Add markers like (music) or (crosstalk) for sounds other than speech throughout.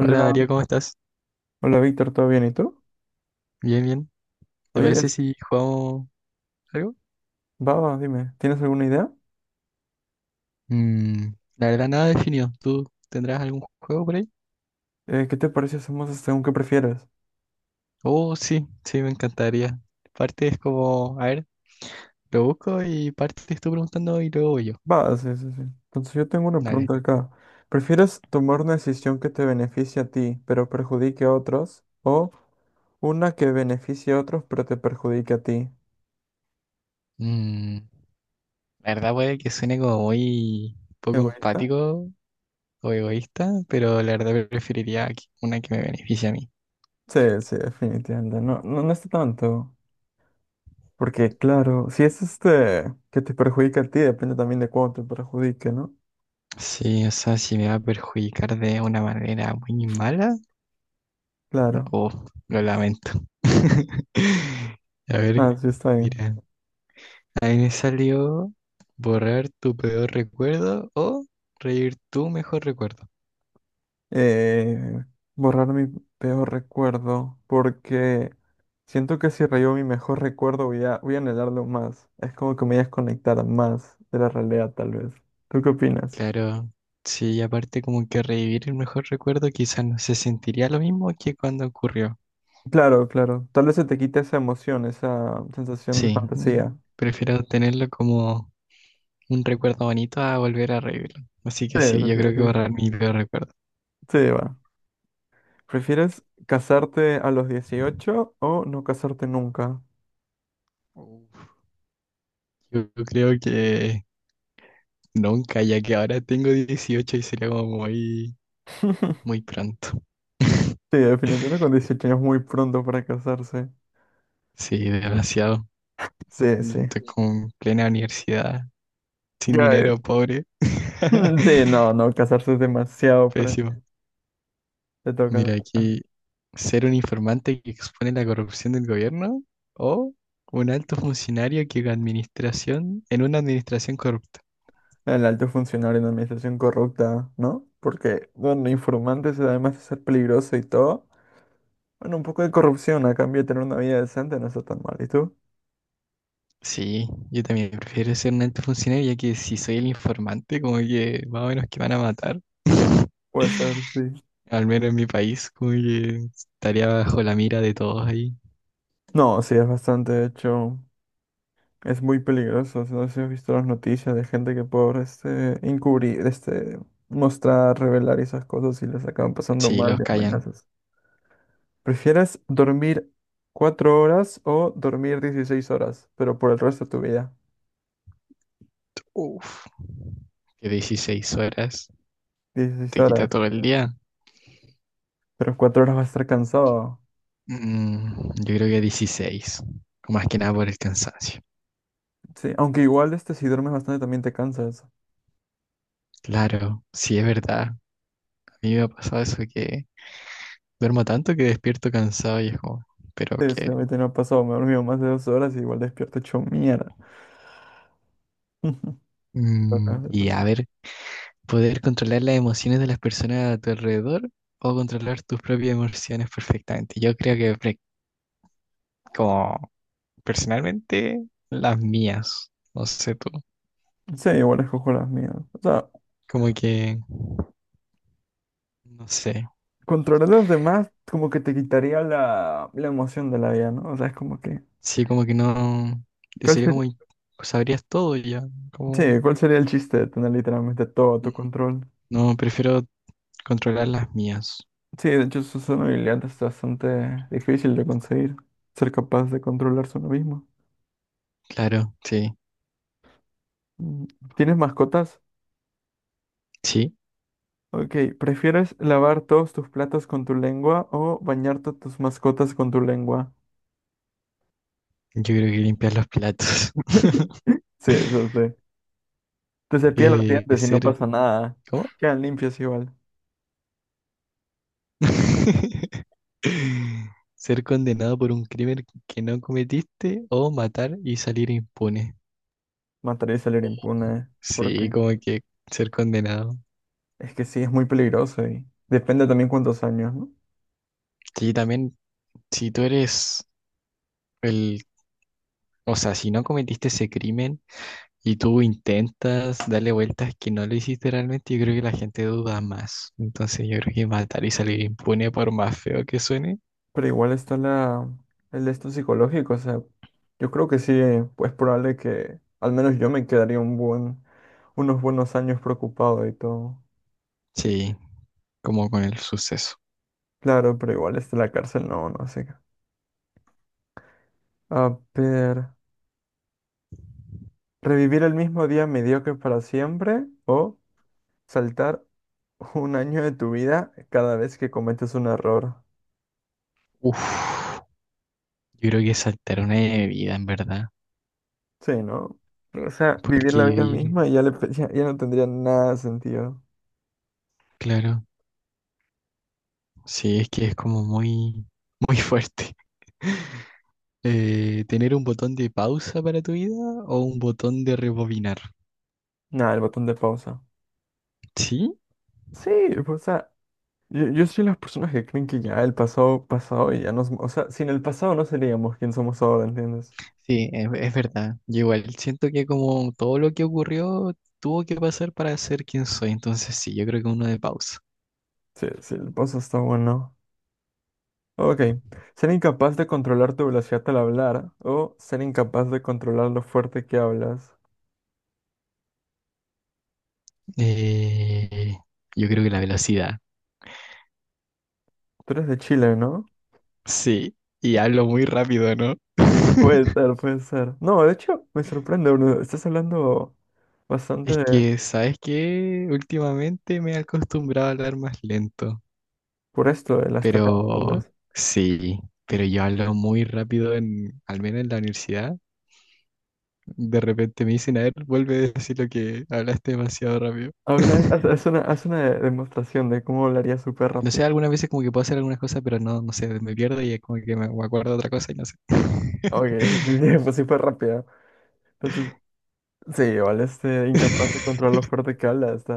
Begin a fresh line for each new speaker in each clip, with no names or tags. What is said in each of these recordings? Hola Darío, ¿cómo estás?
hola Víctor, ¿todo bien? ¿Y tú?
Bien, bien. ¿Te
Oye,
parece
este,
si jugamos algo?
va, va, dime, ¿tienes alguna idea?
Mm, la verdad, nada definido. ¿Tú tendrás algún juego por ahí?
¿Qué te parece si hacemos según qué prefieres?
Oh, sí, sí, me encantaría. Parte es como, a ver, lo busco y parte te estoy preguntando y luego voy yo.
Va, sí, sí, sí. Entonces yo tengo una
Dale.
pregunta acá. ¿Prefieres tomar una decisión que te beneficie a ti, pero perjudique a otros? ¿O una que beneficie a otros, pero te perjudique a ti?
Mm, la verdad puede que suene como muy poco
¿Egoísta?
empático o egoísta, pero la verdad preferiría una que me beneficie a mí.
Sí, sí, definitivamente. No, no, no está tanto. Porque claro, si es este que te perjudica a ti, depende también de cuánto te perjudique, ¿no?
Sí, o sea, si me va a perjudicar de una manera muy mala,
Claro.
oh, lo lamento. (laughs) A ver,
Ah, sí, está bien.
mira. Ahí me salió borrar tu peor recuerdo o revivir tu mejor recuerdo.
eh, borrar mi peor recuerdo, porque siento que si rayo mi mejor recuerdo voy a anhelarlo más. Es como que me voy a desconectar más de la realidad, tal vez. ¿Tú qué opinas?
Claro, sí, y aparte como que revivir el mejor recuerdo quizás no se sentiría lo mismo que cuando ocurrió.
Claro, claro. Tal vez se te quite esa emoción, esa sensación de
Sí,
fantasía.
prefiero tenerlo como un recuerdo bonito a volver a revivirlo. Así
Sí,
que
sí,
sí, yo
sí,
creo que borrar mi peor recuerdo.
sí, va. ¿Prefieres casarte a los 18 o no casarte nunca?
Uf. Yo creo que nunca, ya que ahora tengo 18 y sería como muy muy
(laughs)
pronto.
Sí, definitivamente con 18 años es muy pronto para casarse.
Sí, desgraciado.
Sí, sí.
Estoy con plena universidad, sin
Ya,
dinero, pobre.
(laughs) sí,
(laughs)
no, no, casarse es demasiado para
Pésimo.
te toca
Mira,
te toca.
aquí ser un informante que expone la corrupción del gobierno o un alto funcionario que administración en una administración corrupta.
El alto funcionario en administración corrupta, ¿no? Porque, bueno, informantes además de ser peligroso y todo, bueno, un poco de corrupción a cambio de tener una vida decente no está tan mal. ¿Y tú?
Sí, yo también prefiero ser un alto funcionario ya que si soy el informante, como que más o menos que van a matar. (laughs)
Puede ser, sí.
Al menos en mi país, como que estaría bajo la mira de todos ahí.
No, sí, es bastante, de hecho, es muy peligroso. No sé si has visto las noticias de gente que por este encubrir, este mostrar, revelar esas cosas y les acaban pasando
Sí,
mal
los
de
callan.
amenazas. ¿Prefieres dormir 4 horas o dormir 16 horas, pero por el resto de tu vida?
Uf, que 16 horas
dieciséis
te quita
horas,
todo el día.
pero 4 horas vas a estar cansado.
Yo creo que 16, más que nada por el cansancio.
Sí, aunque igual este si duermes bastante también te cansas.
Claro, sí es verdad. A mí me ha pasado eso que duermo tanto que despierto cansado y es como, ¿pero
Sí, sí, a
qué?
mí también me ha pasado, me he dormido más de 2 horas y igual despierto hecho mierda. (laughs) Te toca, te
Y a
toca.
ver, poder controlar las emociones de las personas a tu alrededor o controlar tus propias emociones perfectamente. Yo creo que como personalmente las mías, no sé tú,
Sí, igual escojo las mías. O sea,
como que, no sé.
controlar a los demás como que te quitaría la emoción de la vida, ¿no? O sea, es como que...
Sí, como que no.
¿Cuál
Sería
sería?
como. Sabrías todo ya.
Sí,
Como.
¿cuál sería el chiste de tener literalmente todo a tu control?
No, prefiero controlar las mías.
Sí, de hecho su zona habilidad es bastante difícil de conseguir, ser capaz de controlarse uno mismo.
Claro, sí.
Mm, ¿tienes mascotas?
Sí,
Ok, ¿prefieres lavar todos tus platos con tu lengua o bañarte tus mascotas con tu lengua?
yo creo que limpiar los platos.
(laughs) Sí,
(laughs)
eso sí. Te cepillas los dientes y no
Ser.
pasa nada.
¿Cómo?
Quedan limpios igual.
(laughs) Ser condenado por un crimen que no cometiste o matar y salir impune.
Matar y salir impune.
Sí,
Porque
como que ser condenado.
es que sí, es muy peligroso y depende también cuántos años, ¿no?
Sí, también, si tú eres el. O sea, si no cometiste ese crimen y tú intentas darle vueltas que no lo hiciste realmente, yo creo que la gente duda más. Entonces yo creo que matar y salir impune, por más feo que suene,
Pero igual está la, el de esto psicológico, o sea, yo creo que sí, pues probable que al menos yo me quedaría un buen, unos buenos años preocupado y todo.
sí, como con el suceso.
Claro, pero igual está la cárcel, no, no sé. A ver, ¿revivir el mismo día mediocre para siempre o saltar un año de tu vida cada vez que cometes un error?
Uf, yo creo que saltar una de vida, en verdad,
Sí, ¿no? O sea, vivir
porque
la vida
vivir,
misma y ya, (laughs) ya, ya no tendría nada de sentido.
claro, sí, es que es como muy, muy fuerte. (laughs) ¿Tener un botón de pausa para tu vida o un botón de rebobinar?
Nada, el botón de pausa.
Sí,
Sí, pues, o sea, yo soy las personas que creen que ya el pasado, pasado y ya nos... O sea, sin el pasado no seríamos quien somos ahora, ¿entiendes?
sí, es verdad. Yo igual siento que como todo lo que ocurrió tuvo que pasar para ser quien soy. Entonces sí, yo creo que uno de pausa.
Sí, sí, el pasado está bueno. Ok. Ser incapaz de controlar tu velocidad al hablar o ser incapaz de controlar lo fuerte que hablas.
Eh, yo creo que la velocidad.
Tú eres de Chile, ¿no?
Sí, y hablo muy rápido, ¿no?
Puede
(laughs)
ser, puede ser. No, de hecho, me sorprende, Bruno. Estás hablando bastante
Es
de-
que, ¿sabes qué? Últimamente me he acostumbrado a hablar más lento,
por esto de las tareas, tal
pero
vez.
sí, pero yo hablo muy rápido en, al menos en la universidad. De repente me dicen, a ver, vuelve a decir lo que hablaste demasiado rápido.
A ver,
(laughs)
haz una demostración de cómo hablaría súper
No sé,
rápido.
algunas veces como que puedo hacer algunas cosas, pero no, no sé, me pierdo y es como que me acuerdo de otra cosa y no sé.
Ok, sí, sí, sí, (laughs) pues súper rápido. Sí, igual este incapaz de controlar lo
(laughs)
fuerte que habla. Está...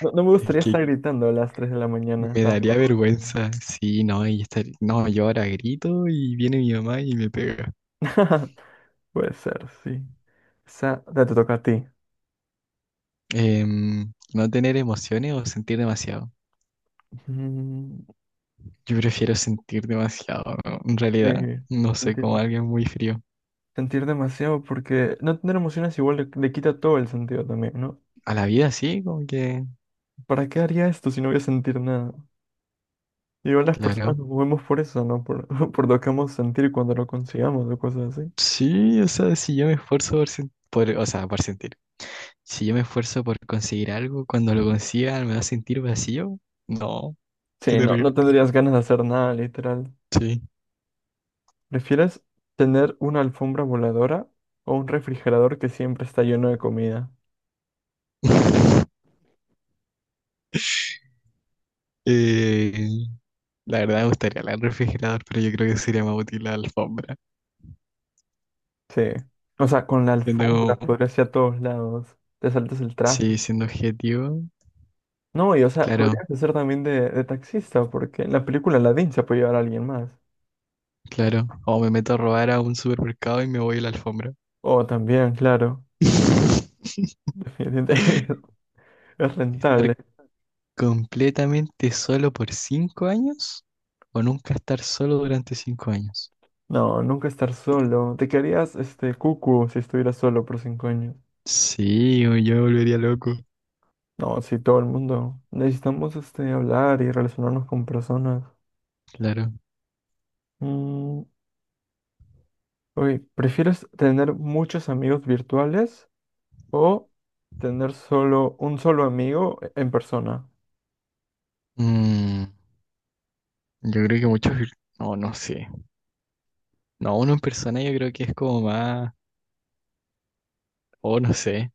No, no me
Es
gustaría estar
que
gritando a las 3 de la mañana
me daría
tampoco.
vergüenza. Sí, no, y estar, no, yo ahora grito y viene mi mamá y me pega.
(laughs) Puede ser, sí. Esa, ya te toca a ti.
No tener emociones o sentir demasiado.
Mm,
Yo prefiero sentir demasiado, ¿no? En
sí,
realidad, no sé,
sentir,
como alguien muy frío.
sentir demasiado porque no tener emociones igual le quita todo el sentido también, ¿no?
A la vida sí, como que,
¿Para qué haría esto si no voy a sentir nada? Igual las personas
claro.
nos movemos por eso, ¿no? Por, (laughs) por lo que vamos a sentir cuando lo consigamos o cosas así.
Sí, o sea, si yo me esfuerzo o sea, por sentir. Si yo me esfuerzo por conseguir algo, cuando lo consiga me va a sentir vacío. No, qué
Sí, no,
terrible.
no tendrías ganas de hacer nada, literal.
Sí.
¿Prefieres tener una alfombra voladora o un refrigerador que siempre está lleno de comida?
(laughs) Eh, la verdad me gustaría el refrigerador, pero yo creo que sería más útil la alfombra.
Sí. O sea, con la alfombra
Siendo como,
podrías ir a todos lados. Te saltas el
sí,
tráfico.
siendo objetivo,
No, y o sea,
claro,
podrías hacer también de taxista, porque en la película Aladdin se puede llevar a alguien más.
claro. O me meto a robar a un supermercado y me voy a la alfombra.
O también, claro.
(laughs)
Definitivamente (laughs) es
¿Estar
rentable.
completamente solo por 5 años? ¿O nunca estar solo durante 5 años?
No, nunca estar solo. Te quedarías este cucu si estuvieras solo por 5 años.
Sí, o yo me volvería loco.
No, sí, todo el mundo. Necesitamos este hablar y relacionarnos con personas.
Claro.
Mm, oye, ¿prefieres tener muchos amigos virtuales o tener solo un solo amigo en persona?
Mm, yo creo que no, no sé. No, uno en persona yo creo que es como más, o no sé.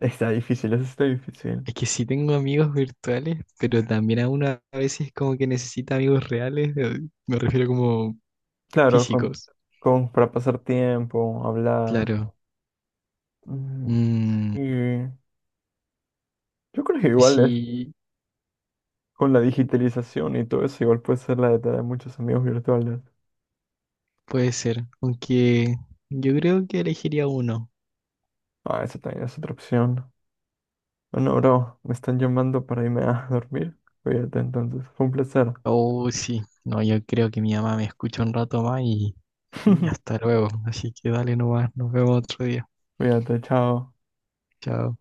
Está difícil, eso está difícil.
Es que sí tengo amigos virtuales, pero también a uno a veces como que necesita amigos reales, me refiero como
Claro,
físicos.
para pasar tiempo, hablar.
Claro.
Mm,
Mm,
y yo creo que
que
igual es
sí,
con la digitalización y todo eso, igual puede ser la de tener muchos amigos virtuales.
puede ser. Aunque yo creo que elegiría uno.
Ah, esa también es otra opción. Bueno, bro, me están llamando para irme a dormir. Cuídate entonces, fue un placer.
Oh, sí. No, yo creo que mi mamá me escucha un rato más y hasta
(laughs)
luego. Así que dale nomás, nos vemos otro día.
Cuídate, chao.
Chao.